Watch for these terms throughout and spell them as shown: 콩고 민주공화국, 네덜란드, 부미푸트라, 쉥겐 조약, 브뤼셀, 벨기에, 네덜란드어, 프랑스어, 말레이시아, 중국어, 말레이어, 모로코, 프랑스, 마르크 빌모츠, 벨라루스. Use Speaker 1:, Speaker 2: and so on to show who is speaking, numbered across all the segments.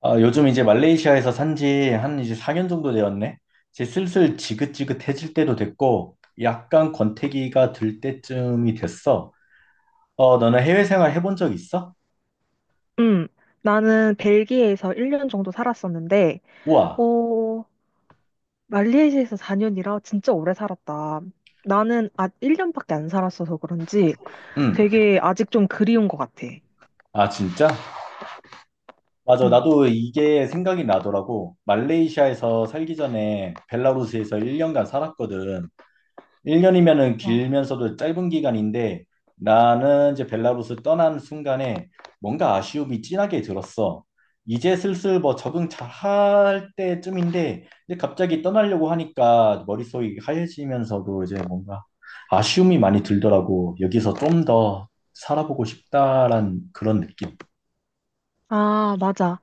Speaker 1: 아, 요즘 이제 말레이시아에서 산지 한 이제 4년 정도 되었네. 이제 슬슬 지긋지긋해질 때도 됐고, 약간 권태기가 들 때쯤이 됐어. 어, 너는 해외 생활 해본 적 있어?
Speaker 2: 음, 나는 벨기에에서 1년 정도 살았었는데,
Speaker 1: 우와,
Speaker 2: 어, 말레이시아에서 4년이라 진짜 오래 살았다. 나는 아, 1년밖에 안 살았어서 그런지
Speaker 1: 응.
Speaker 2: 되게 아직 좀 그리운 것 같아.
Speaker 1: 아, 진짜? 맞아,
Speaker 2: 음.
Speaker 1: 나도 이게 생각이 나더라고. 말레이시아에서 살기 전에 벨라루스에서 1년간 살았거든. 1년이면은 길면서도 짧은 기간인데 나는 이제 벨라루스 떠난 순간에 뭔가 아쉬움이 진하게 들었어. 이제 슬슬 뭐 적응 잘할 때쯤인데 이제 갑자기 떠나려고 하니까 머릿속이 하얘지면서도 이제 뭔가 아쉬움이 많이 들더라고. 여기서 좀 더 살아보고 싶다란 그런 느낌.
Speaker 2: 어. 아, 맞아.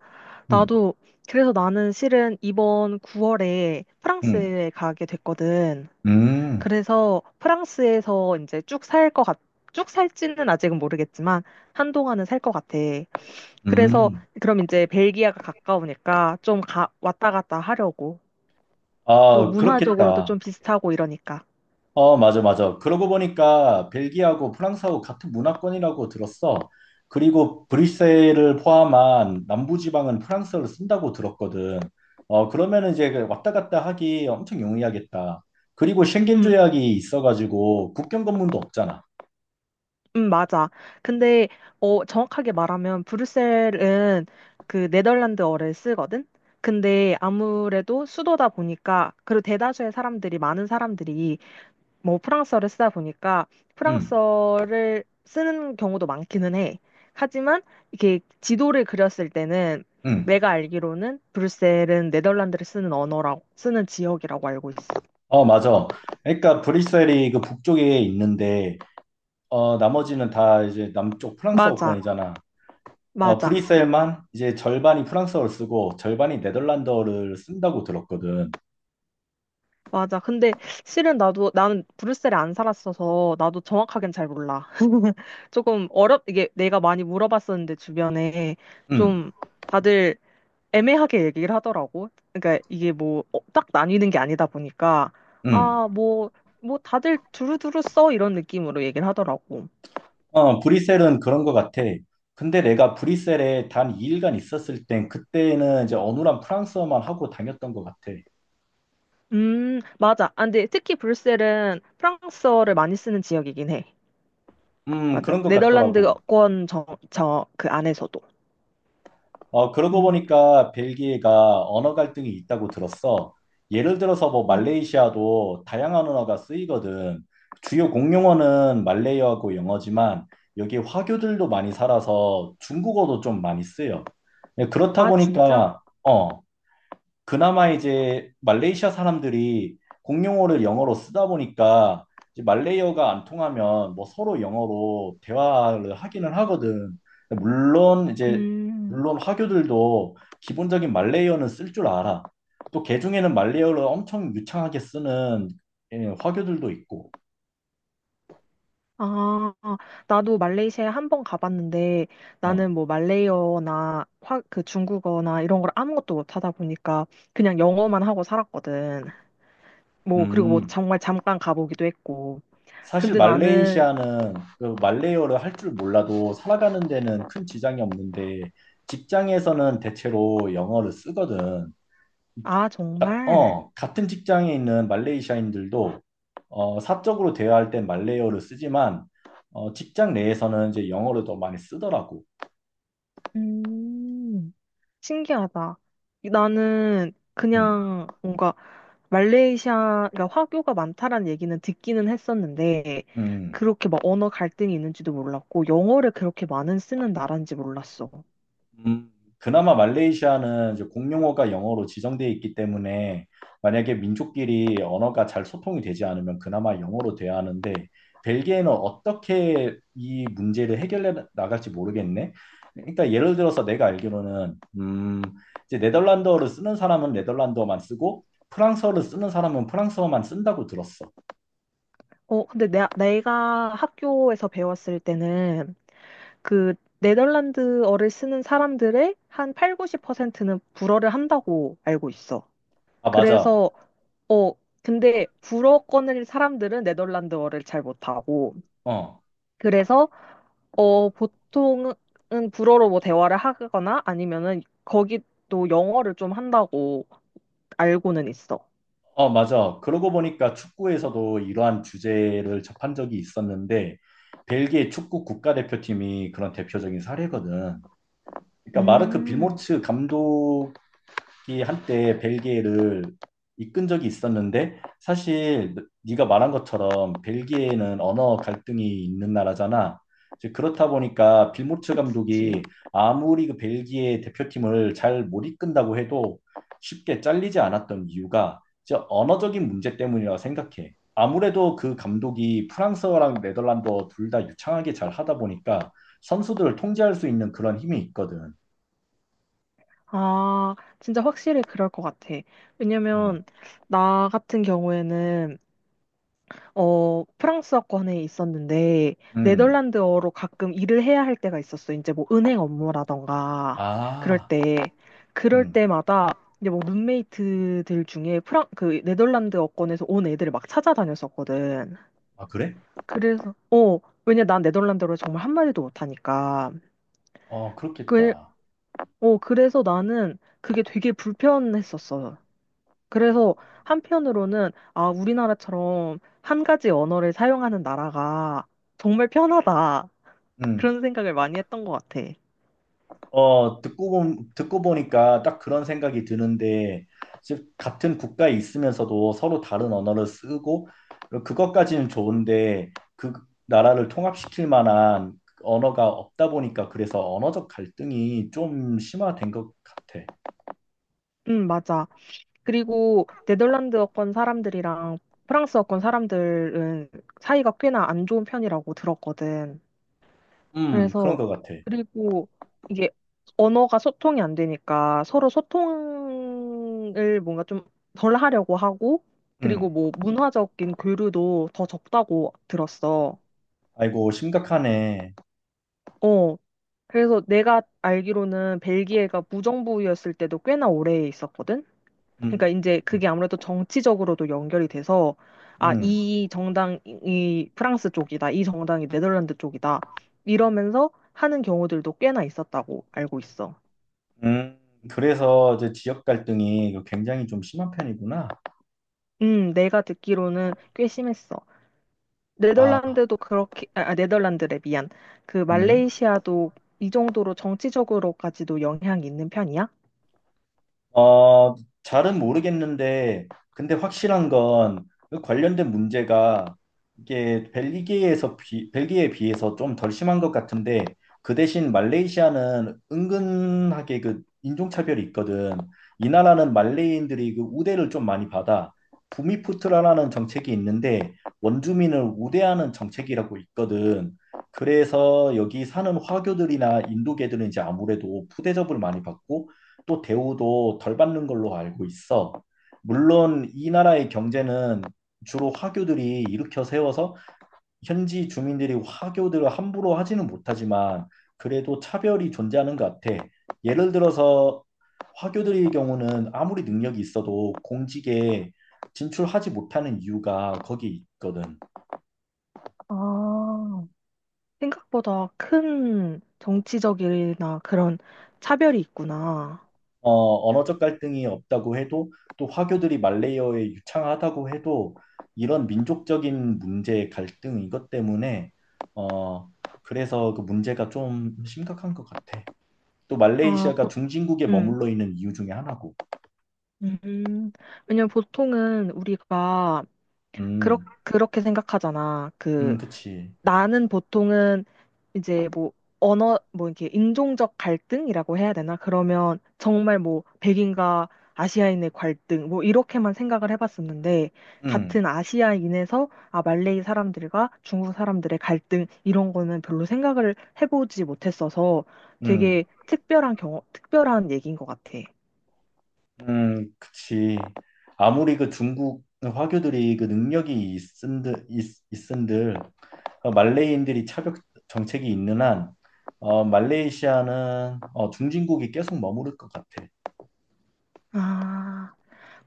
Speaker 1: 음,
Speaker 2: 나도, 그래서 나는 실은 이번 9월에
Speaker 1: 음,
Speaker 2: 프랑스에 가게 됐거든.
Speaker 1: 음,
Speaker 2: 그래서 프랑스에서 이제 쭉 살지는 아직은 모르겠지만, 한동안은 살 것 같아. 그래서
Speaker 1: 음.
Speaker 2: 그럼 이제 벨기에가 가까우니까 좀 왔다 갔다 하려고. 그리고
Speaker 1: 아,
Speaker 2: 문화적으로도
Speaker 1: 그렇겠다.
Speaker 2: 좀 비슷하고 이러니까.
Speaker 1: 어, 맞아, 맞아. 그러고 보니까 벨기에하고 프랑스하고 같은 문화권이라고 들었어. 그리고 브뤼셀을 포함한 남부지방은 프랑스어를 쓴다고 들었거든. 어, 그러면 이제 그 왔다 갔다 하기 엄청 용이하겠다. 그리고 쉥겐
Speaker 2: 음,
Speaker 1: 조약이 있어가지고 국경 검문도 없잖아.
Speaker 2: 맞아. 근데 정확하게 말하면 브뤼셀은 그 네덜란드어를 쓰거든. 근데 아무래도 수도다 보니까 그리고 대다수의 사람들이 많은 사람들이 뭐 프랑스어를 쓰다 보니까
Speaker 1: 응,
Speaker 2: 프랑스어를 쓰는 경우도 많기는 해. 하지만 이렇게 지도를 그렸을 때는
Speaker 1: 응.
Speaker 2: 내가 알기로는 브뤼셀은 네덜란드를 쓰는 언어라고 쓰는 지역이라고 알고 있어.
Speaker 1: 어, 맞아. 그러니까 브뤼셀이 그 북쪽에 있는데, 어, 나머지는 다 이제 남쪽
Speaker 2: 맞아.
Speaker 1: 프랑스어권이잖아. 어,
Speaker 2: 맞아.
Speaker 1: 브뤼셀만 이제 절반이 프랑스어를 쓰고 절반이 네덜란드어를 쓴다고 들었거든.
Speaker 2: 맞아. 근데 실은 나도 나는 브뤼셀에 안 살았어서 나도 정확하게는 잘 몰라. 조금 어렵 이게 내가 많이 물어봤었는데 주변에
Speaker 1: 응,
Speaker 2: 좀 다들 애매하게 얘기를 하더라고. 그러니까 이게 뭐 딱 나뉘는 게 아니다 보니까
Speaker 1: 응.
Speaker 2: 아, 뭐 다들 두루두루 써 이런 느낌으로 얘기를 하더라고.
Speaker 1: 어, 브뤼셀은 그런 것 같아. 근데 내가 브뤼셀에 단 2일간 있었을 땐 그때는 이제 어눌한 프랑스어만 하고 다녔던 것 같아.
Speaker 2: 맞아. 아, 근데 특히 브뤼셀은 프랑스어를 많이 쓰는 지역이긴 해. 맞아.
Speaker 1: 그런 것 같더라고.
Speaker 2: 네덜란드권 저 그 안에서도.
Speaker 1: 어, 그러고
Speaker 2: 음,
Speaker 1: 보니까 벨기에가 언어 갈등이 있다고 들었어. 예를 들어서 뭐
Speaker 2: 맞,
Speaker 1: 말레이시아도 다양한 언어가 쓰이거든. 주요 공용어는 말레이어하고 영어지만 여기 화교들도 많이 살아서 중국어도 좀 많이 쓰여. 네, 그렇다
Speaker 2: 아, 진짜?
Speaker 1: 보니까 어, 그나마 이제 말레이시아 사람들이 공용어를 영어로 쓰다 보니까 이제 말레이어가 안 통하면 뭐 서로 영어로 대화를 하기는 하거든. 근데 물론 이제
Speaker 2: 음.
Speaker 1: 물론 화교들도 기본적인 말레이어는 쓸 줄 알아. 또 개중에는 말레이어를 엄청 유창하게 쓰는 예, 화교들도 있고.
Speaker 2: 아, 나도 말레이시아에 한 번 가봤는데
Speaker 1: 어.
Speaker 2: 나는 뭐 말레이어나 그 중국어나 이런 걸 아무것도 못하다 보니까 그냥 영어만 하고 살았거든. 뭐 그리고 뭐
Speaker 1: 음.
Speaker 2: 정말 잠깐 가보기도 했고.
Speaker 1: 사실
Speaker 2: 근데 나는
Speaker 1: 말레이시아는 그 말레이어를 할 줄 몰라도 살아가는 데는 큰 지장이 없는데 직장에서는 대체로 영어를 쓰거든.
Speaker 2: 아, 정말
Speaker 1: 같은 직장에 있는 말레이시아인들도 어, 사적으로 대화할 땐 말레이어를 쓰지만 어, 직장 내에서는 이제 영어를 더 많이 쓰더라고.
Speaker 2: 음, 신기하다. 나는
Speaker 1: 음,
Speaker 2: 그냥 뭔가 말레이시아, 가 화교가 많다라는 얘기는 듣기는 했었는데,
Speaker 1: 음.
Speaker 2: 그렇게 막 언어 갈등이 있는지도 몰랐고, 영어를 그렇게 많은 쓰는 나라인지 몰랐어.
Speaker 1: 음, 그나마 말레이시아는 이제 공용어가 영어로 지정되어 있기 때문에 만약에 민족끼리 언어가 잘 소통이 되지 않으면 그나마 영어로 돼야 하는데 벨기에는 어떻게 이 문제를 해결해 나갈지 모르겠네. 그러니까 예를 들어서 내가 알기로는 이제 네덜란드어를 쓰는 사람은 네덜란드어만 쓰고 프랑스어를 쓰는 사람은 프랑스어만 쓴다고 들었어.
Speaker 2: 근데 내가 학교에서 배웠을 때는 그 네덜란드어를 쓰는 사람들의 한 8, 90%는 불어를 한다고 알고 있어.
Speaker 1: 아, 맞아.
Speaker 2: 그래서 어, 근데 불어 꺼낼 사람들은 네덜란드어를 잘 못하고,
Speaker 1: 어.
Speaker 2: 그래서, 보통은 불어로 뭐 대화를 하거나 아니면은 거기 또 영어를 좀 한다고 알고는 있어.
Speaker 1: 어, 맞아. 그러고 보니까 축구에서도 이러한 주제를 접한 적이 있었는데, 벨기에 축구 국가대표팀이 그런 대표적인 사례거든. 그러니까 마르크
Speaker 2: 음,
Speaker 1: 빌모츠 감독 이 한때 벨기에를 이끈 적이 있었는데 사실 네가 말한 것처럼 벨기에는 언어 갈등이 있는 나라잖아. 이제 그렇다 보니까 빌모츠 감독이
Speaker 2: 그치.
Speaker 1: 아무리 그 벨기에 대표팀을 잘 못 이끈다고 해도 쉽게 잘리지 않았던 이유가 이제 언어적인 문제 때문이라고 생각해. 아무래도 그 감독이 프랑스어랑 네덜란드어 둘 다 유창하게 잘 하다 보니까 선수들을 통제할 수 있는 그런 힘이 있거든.
Speaker 2: 아, 진짜 확실히 그럴 것 같아. 왜냐면,
Speaker 1: 음.
Speaker 2: 나 같은 경우에는 프랑스어권에 있었는데,
Speaker 1: 음.
Speaker 2: 네덜란드어로 가끔 일을 해야 할 때가 있었어. 이제 뭐 은행 업무라던가, 그럴
Speaker 1: 아.
Speaker 2: 때. 그럴
Speaker 1: 음.
Speaker 2: 때마다, 이제 뭐 룸메이트들 중에 그 네덜란드어권에서 온 애들을 막 찾아다녔었거든.
Speaker 1: 아, 그래?
Speaker 2: 그래서, 어, 왜냐 난 네덜란드어를 정말 한마디도 못하니까.
Speaker 1: 어,
Speaker 2: 그,
Speaker 1: 그렇겠다.
Speaker 2: 그래서 나는 그게 되게 불편했었어. 그래서 한편으로는 아, 우리나라처럼 한 가지 언어를 사용하는 나라가 정말 편하다.
Speaker 1: 음.
Speaker 2: 그런 생각을 많이 했던 것 같아.
Speaker 1: 어, 듣고 보니까 딱 그런 생각이 드는데, 즉, 같은 국가에 있으면서도 서로 다른 언어를 쓰고, 그것까지는 좋은데, 그 나라를 통합시킬 만한 언어가 없다 보니까, 그래서 언어적 갈등이 좀 심화된 것 같아.
Speaker 2: 맞아. 그리고 네덜란드어권 사람들이랑 프랑스어권 사람들은 사이가 꽤나 안 좋은 편이라고 들었거든.
Speaker 1: 그런
Speaker 2: 그래서
Speaker 1: 것 같아.
Speaker 2: 그리고 이게 언어가 소통이 안 되니까 서로 소통을 뭔가 좀 덜 하려고 하고 그리고
Speaker 1: 음.
Speaker 2: 뭐 문화적인 교류도 더 적다고 들었어.
Speaker 1: 아이고, 심각하네.
Speaker 2: 어, 그래서 내가 알기로는 벨기에가 무정부였을 때도 꽤나 오래 있었거든?
Speaker 1: 음,
Speaker 2: 그러니까 이제 그게 아무래도 정치적으로도 연결이 돼서, 아,
Speaker 1: 음,
Speaker 2: 이 정당이 프랑스 쪽이다, 이 정당이 네덜란드 쪽이다, 이러면서 하는 경우들도 꽤나 있었다고 알고 있어.
Speaker 1: 음. 그래서 이제 지역 갈등이 굉장히 좀 심한 편이구나.
Speaker 2: 내가 듣기로는 꽤 심했어.
Speaker 1: 아,
Speaker 2: 네덜란드도 그렇게, 아, 아, 네덜란드래, 미안. 그
Speaker 1: 음.
Speaker 2: 말레이시아도 이 정도로 정치적으로까지도 영향이 있는 편이야?
Speaker 1: 어, 잘은 모르겠는데, 근데 확실한 건그 관련된 문제가 이게 벨기에에 비해서 좀 덜 심한 것 같은데, 그 대신 말레이시아는 은근하게 그 인종차별이 있거든. 이 나라는 말레이인들이 그 우대를 좀 많이 받아. 부미푸트라라는 정책이 있는데, 원주민을 우대하는 정책이라고 있거든. 그래서 여기 사는 화교들이나 인도계들은 이제 아무래도 푸대접을 많이 받고, 또 대우도 덜 받는 걸로 알고 있어. 물론 이 나라의 경제는 주로 화교들이 일으켜 세워서 현지 주민들이 화교들을 함부로 하지는 못하지만 그래도 차별이 존재하는 것 같아. 예를 들어서 화교들의 경우는 아무리 능력이 있어도 공직에 진출하지 못하는 이유가 거기 있거든.
Speaker 2: 아, 생각보다 큰 정치적이나 그런 차별이 있구나.
Speaker 1: 어, 언어적 갈등이 없다고 해도 또 화교들이 말레이어에 유창하다고 해도 이런 민족적인 문제 갈등 이것 때문에 어, 그래서 그 문제가 좀 심각한 것 같아. 또
Speaker 2: 아,
Speaker 1: 말레이시아가 중진국에
Speaker 2: 음,
Speaker 1: 머물러 있는 이유 중에 하나고.
Speaker 2: 음. 왜냐면 보통은 우리가 그렇,
Speaker 1: 음,
Speaker 2: 그렇게 생각하잖아. 그
Speaker 1: 그치.
Speaker 2: 나는 보통은 이제 뭐 언어 뭐 이렇게 인종적 갈등이라고 해야 되나? 그러면 정말 뭐 백인과 아시아인의 갈등 뭐 이렇게만 생각을 해봤었는데
Speaker 1: 음,
Speaker 2: 같은 아시아인에서 아 말레이 사람들과 중국 사람들의 갈등 이런 거는 별로 생각을 해보지 못했어서 되게
Speaker 1: 음,
Speaker 2: 특별한 경험 특별한 얘기인 것 같아.
Speaker 1: 그치. 아무리 그 중국 화교들이 그 능력이 있은들 어, 말레이인들이 차벽 정책이 있는 한 말레이시아는 중진국이 계속 머무를 것 같아.
Speaker 2: 아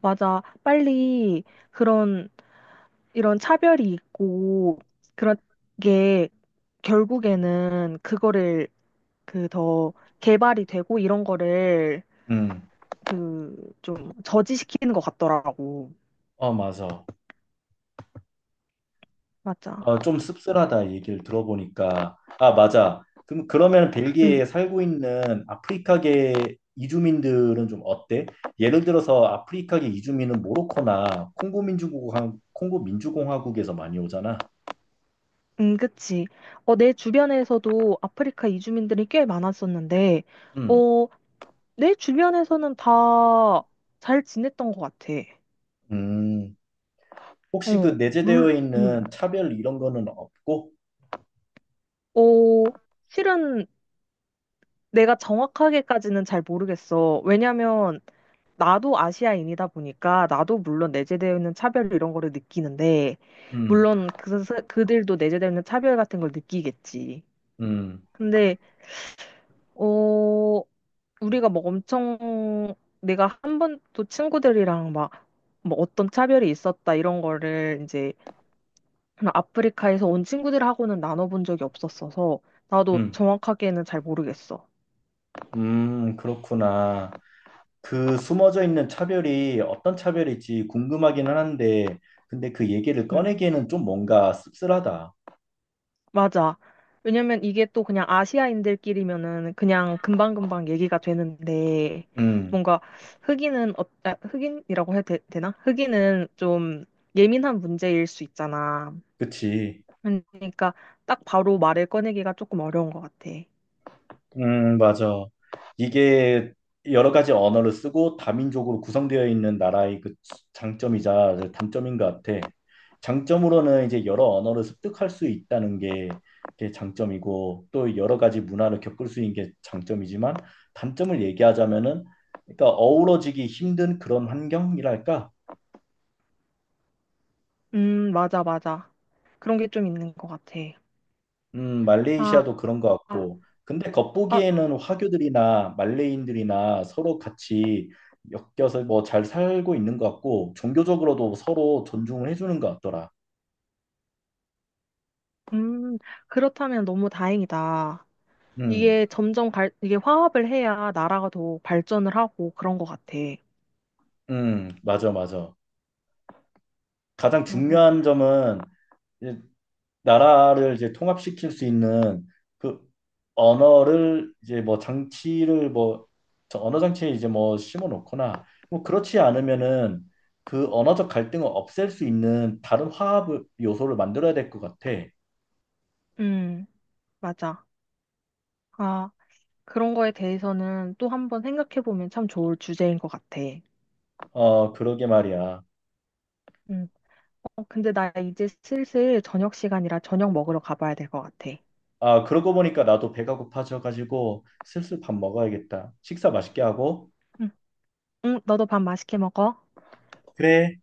Speaker 2: 맞아 빨리 그런 이런 차별이 있고 그런 게 결국에는 그거를 그 더 개발이 되고 이런 거를
Speaker 1: 음,
Speaker 2: 그 좀 저지시키는 것 같더라고.
Speaker 1: 어, 맞아.
Speaker 2: 맞아.
Speaker 1: 어, 좀 씁쓸하다 이 얘기를 들어보니까. 아, 맞아. 그럼 그러면
Speaker 2: 응,
Speaker 1: 벨기에에 살고 있는 아프리카계 이주민들은 좀 어때? 예를 들어서 아프리카계 이주민은 모로코나 콩고 민주공화국에서 많이 오잖아.
Speaker 2: 응, 그치. 내 주변에서도 아프리카 이주민들이 꽤 많았었는데,
Speaker 1: 음,
Speaker 2: 어, 내 주변에서는 다 잘 지냈던 것 같아.
Speaker 1: 음. 혹시 그
Speaker 2: 어,
Speaker 1: 내재되어
Speaker 2: 물,
Speaker 1: 있는
Speaker 2: 음,
Speaker 1: 차별 이런 거는 없고?
Speaker 2: 어, 실은 내가 정확하게까지는 잘 모르겠어. 왜냐면 나도 아시아인이다 보니까 나도 물론 내재되어 있는 차별 이런 거를 느끼는데
Speaker 1: 음,
Speaker 2: 물론 그들도 내재되어 있는 차별 같은 걸 느끼겠지.
Speaker 1: 음,
Speaker 2: 근데 어 우리가 막 엄청 내가 한 번도 친구들이랑 막 뭐 어떤 차별이 있었다 이런 거를 이제 그냥 아프리카에서 온 친구들하고는 나눠본 적이 없었어서 나도
Speaker 1: 음.
Speaker 2: 정확하게는 잘 모르겠어.
Speaker 1: 그렇구나. 그 숨어져 있는 차별이 어떤 차별일지 궁금하기는 한데, 근데 그 얘기를
Speaker 2: 음.
Speaker 1: 꺼내기에는 좀 뭔가 씁쓸하다.
Speaker 2: 맞아. 왜냐면 이게 또 그냥 아시아인들끼리면은 그냥 금방금방 얘기가 되는데
Speaker 1: 음,
Speaker 2: 뭔가 흑인은 아, 흑인이라고 해야 되나? 흑인은 좀 예민한 문제일 수 있잖아.
Speaker 1: 그치.
Speaker 2: 그러니까 딱 바로 말을 꺼내기가 조금 어려운 것 같아.
Speaker 1: 맞아. 이게 여러 가지 언어를 쓰고 다민족으로 구성되어 있는 나라의 그 장점이자 단점인 것 같아. 장점으로는 이제 여러 언어를 습득할 수 있다는 게 그게 장점이고 또 여러 가지 문화를 겪을 수 있는 게 장점이지만 단점을 얘기하자면은 그러니까 어우러지기 힘든 그런 환경이랄까?
Speaker 2: 맞아, 맞아. 그런 게 좀 있는 것 같아. 아,
Speaker 1: 말레이시아도 그런 것
Speaker 2: 아,
Speaker 1: 같고. 근데
Speaker 2: 아,
Speaker 1: 겉보기에는 화교들이나 말레이인들이나 서로 같이 엮여서 뭐 잘 살고 있는 것 같고, 종교적으로도 서로 존중을 해주는 것 같더라.
Speaker 2: 음, 그렇다면 너무 다행이다.
Speaker 1: 음,
Speaker 2: 이게 화합을 해야 나라가 더 발전을 하고 그런 것 같아.
Speaker 1: 맞아, 맞아. 가장
Speaker 2: 맞아.
Speaker 1: 중요한 점은 나라를 이제 통합시킬 수 있는 그 언어를 이제 뭐 장치를 뭐 저 언어 장치에 이제 뭐 심어 놓거나 뭐 그렇지 않으면은 그 언어적 갈등을 없앨 수 있는 다른 화합 요소를 만들어야 될 것 같아.
Speaker 2: 음. 맞아. 아, 그런 거에 대해서는 또 한 번 생각해보면 참 좋을 주제인 것 같아.
Speaker 1: 어, 그러게 말이야.
Speaker 2: 응. 근데 나 이제 슬슬 저녁 시간이라 저녁 먹으러 가봐야 될 것 같아.
Speaker 1: 아, 그러고 보니까 나도 배가 고파져 가지고 슬슬 밥 먹어야겠다. 식사 맛있게 하고.
Speaker 2: 응, 응, 너도 밥 맛있게 먹어.
Speaker 1: 그래.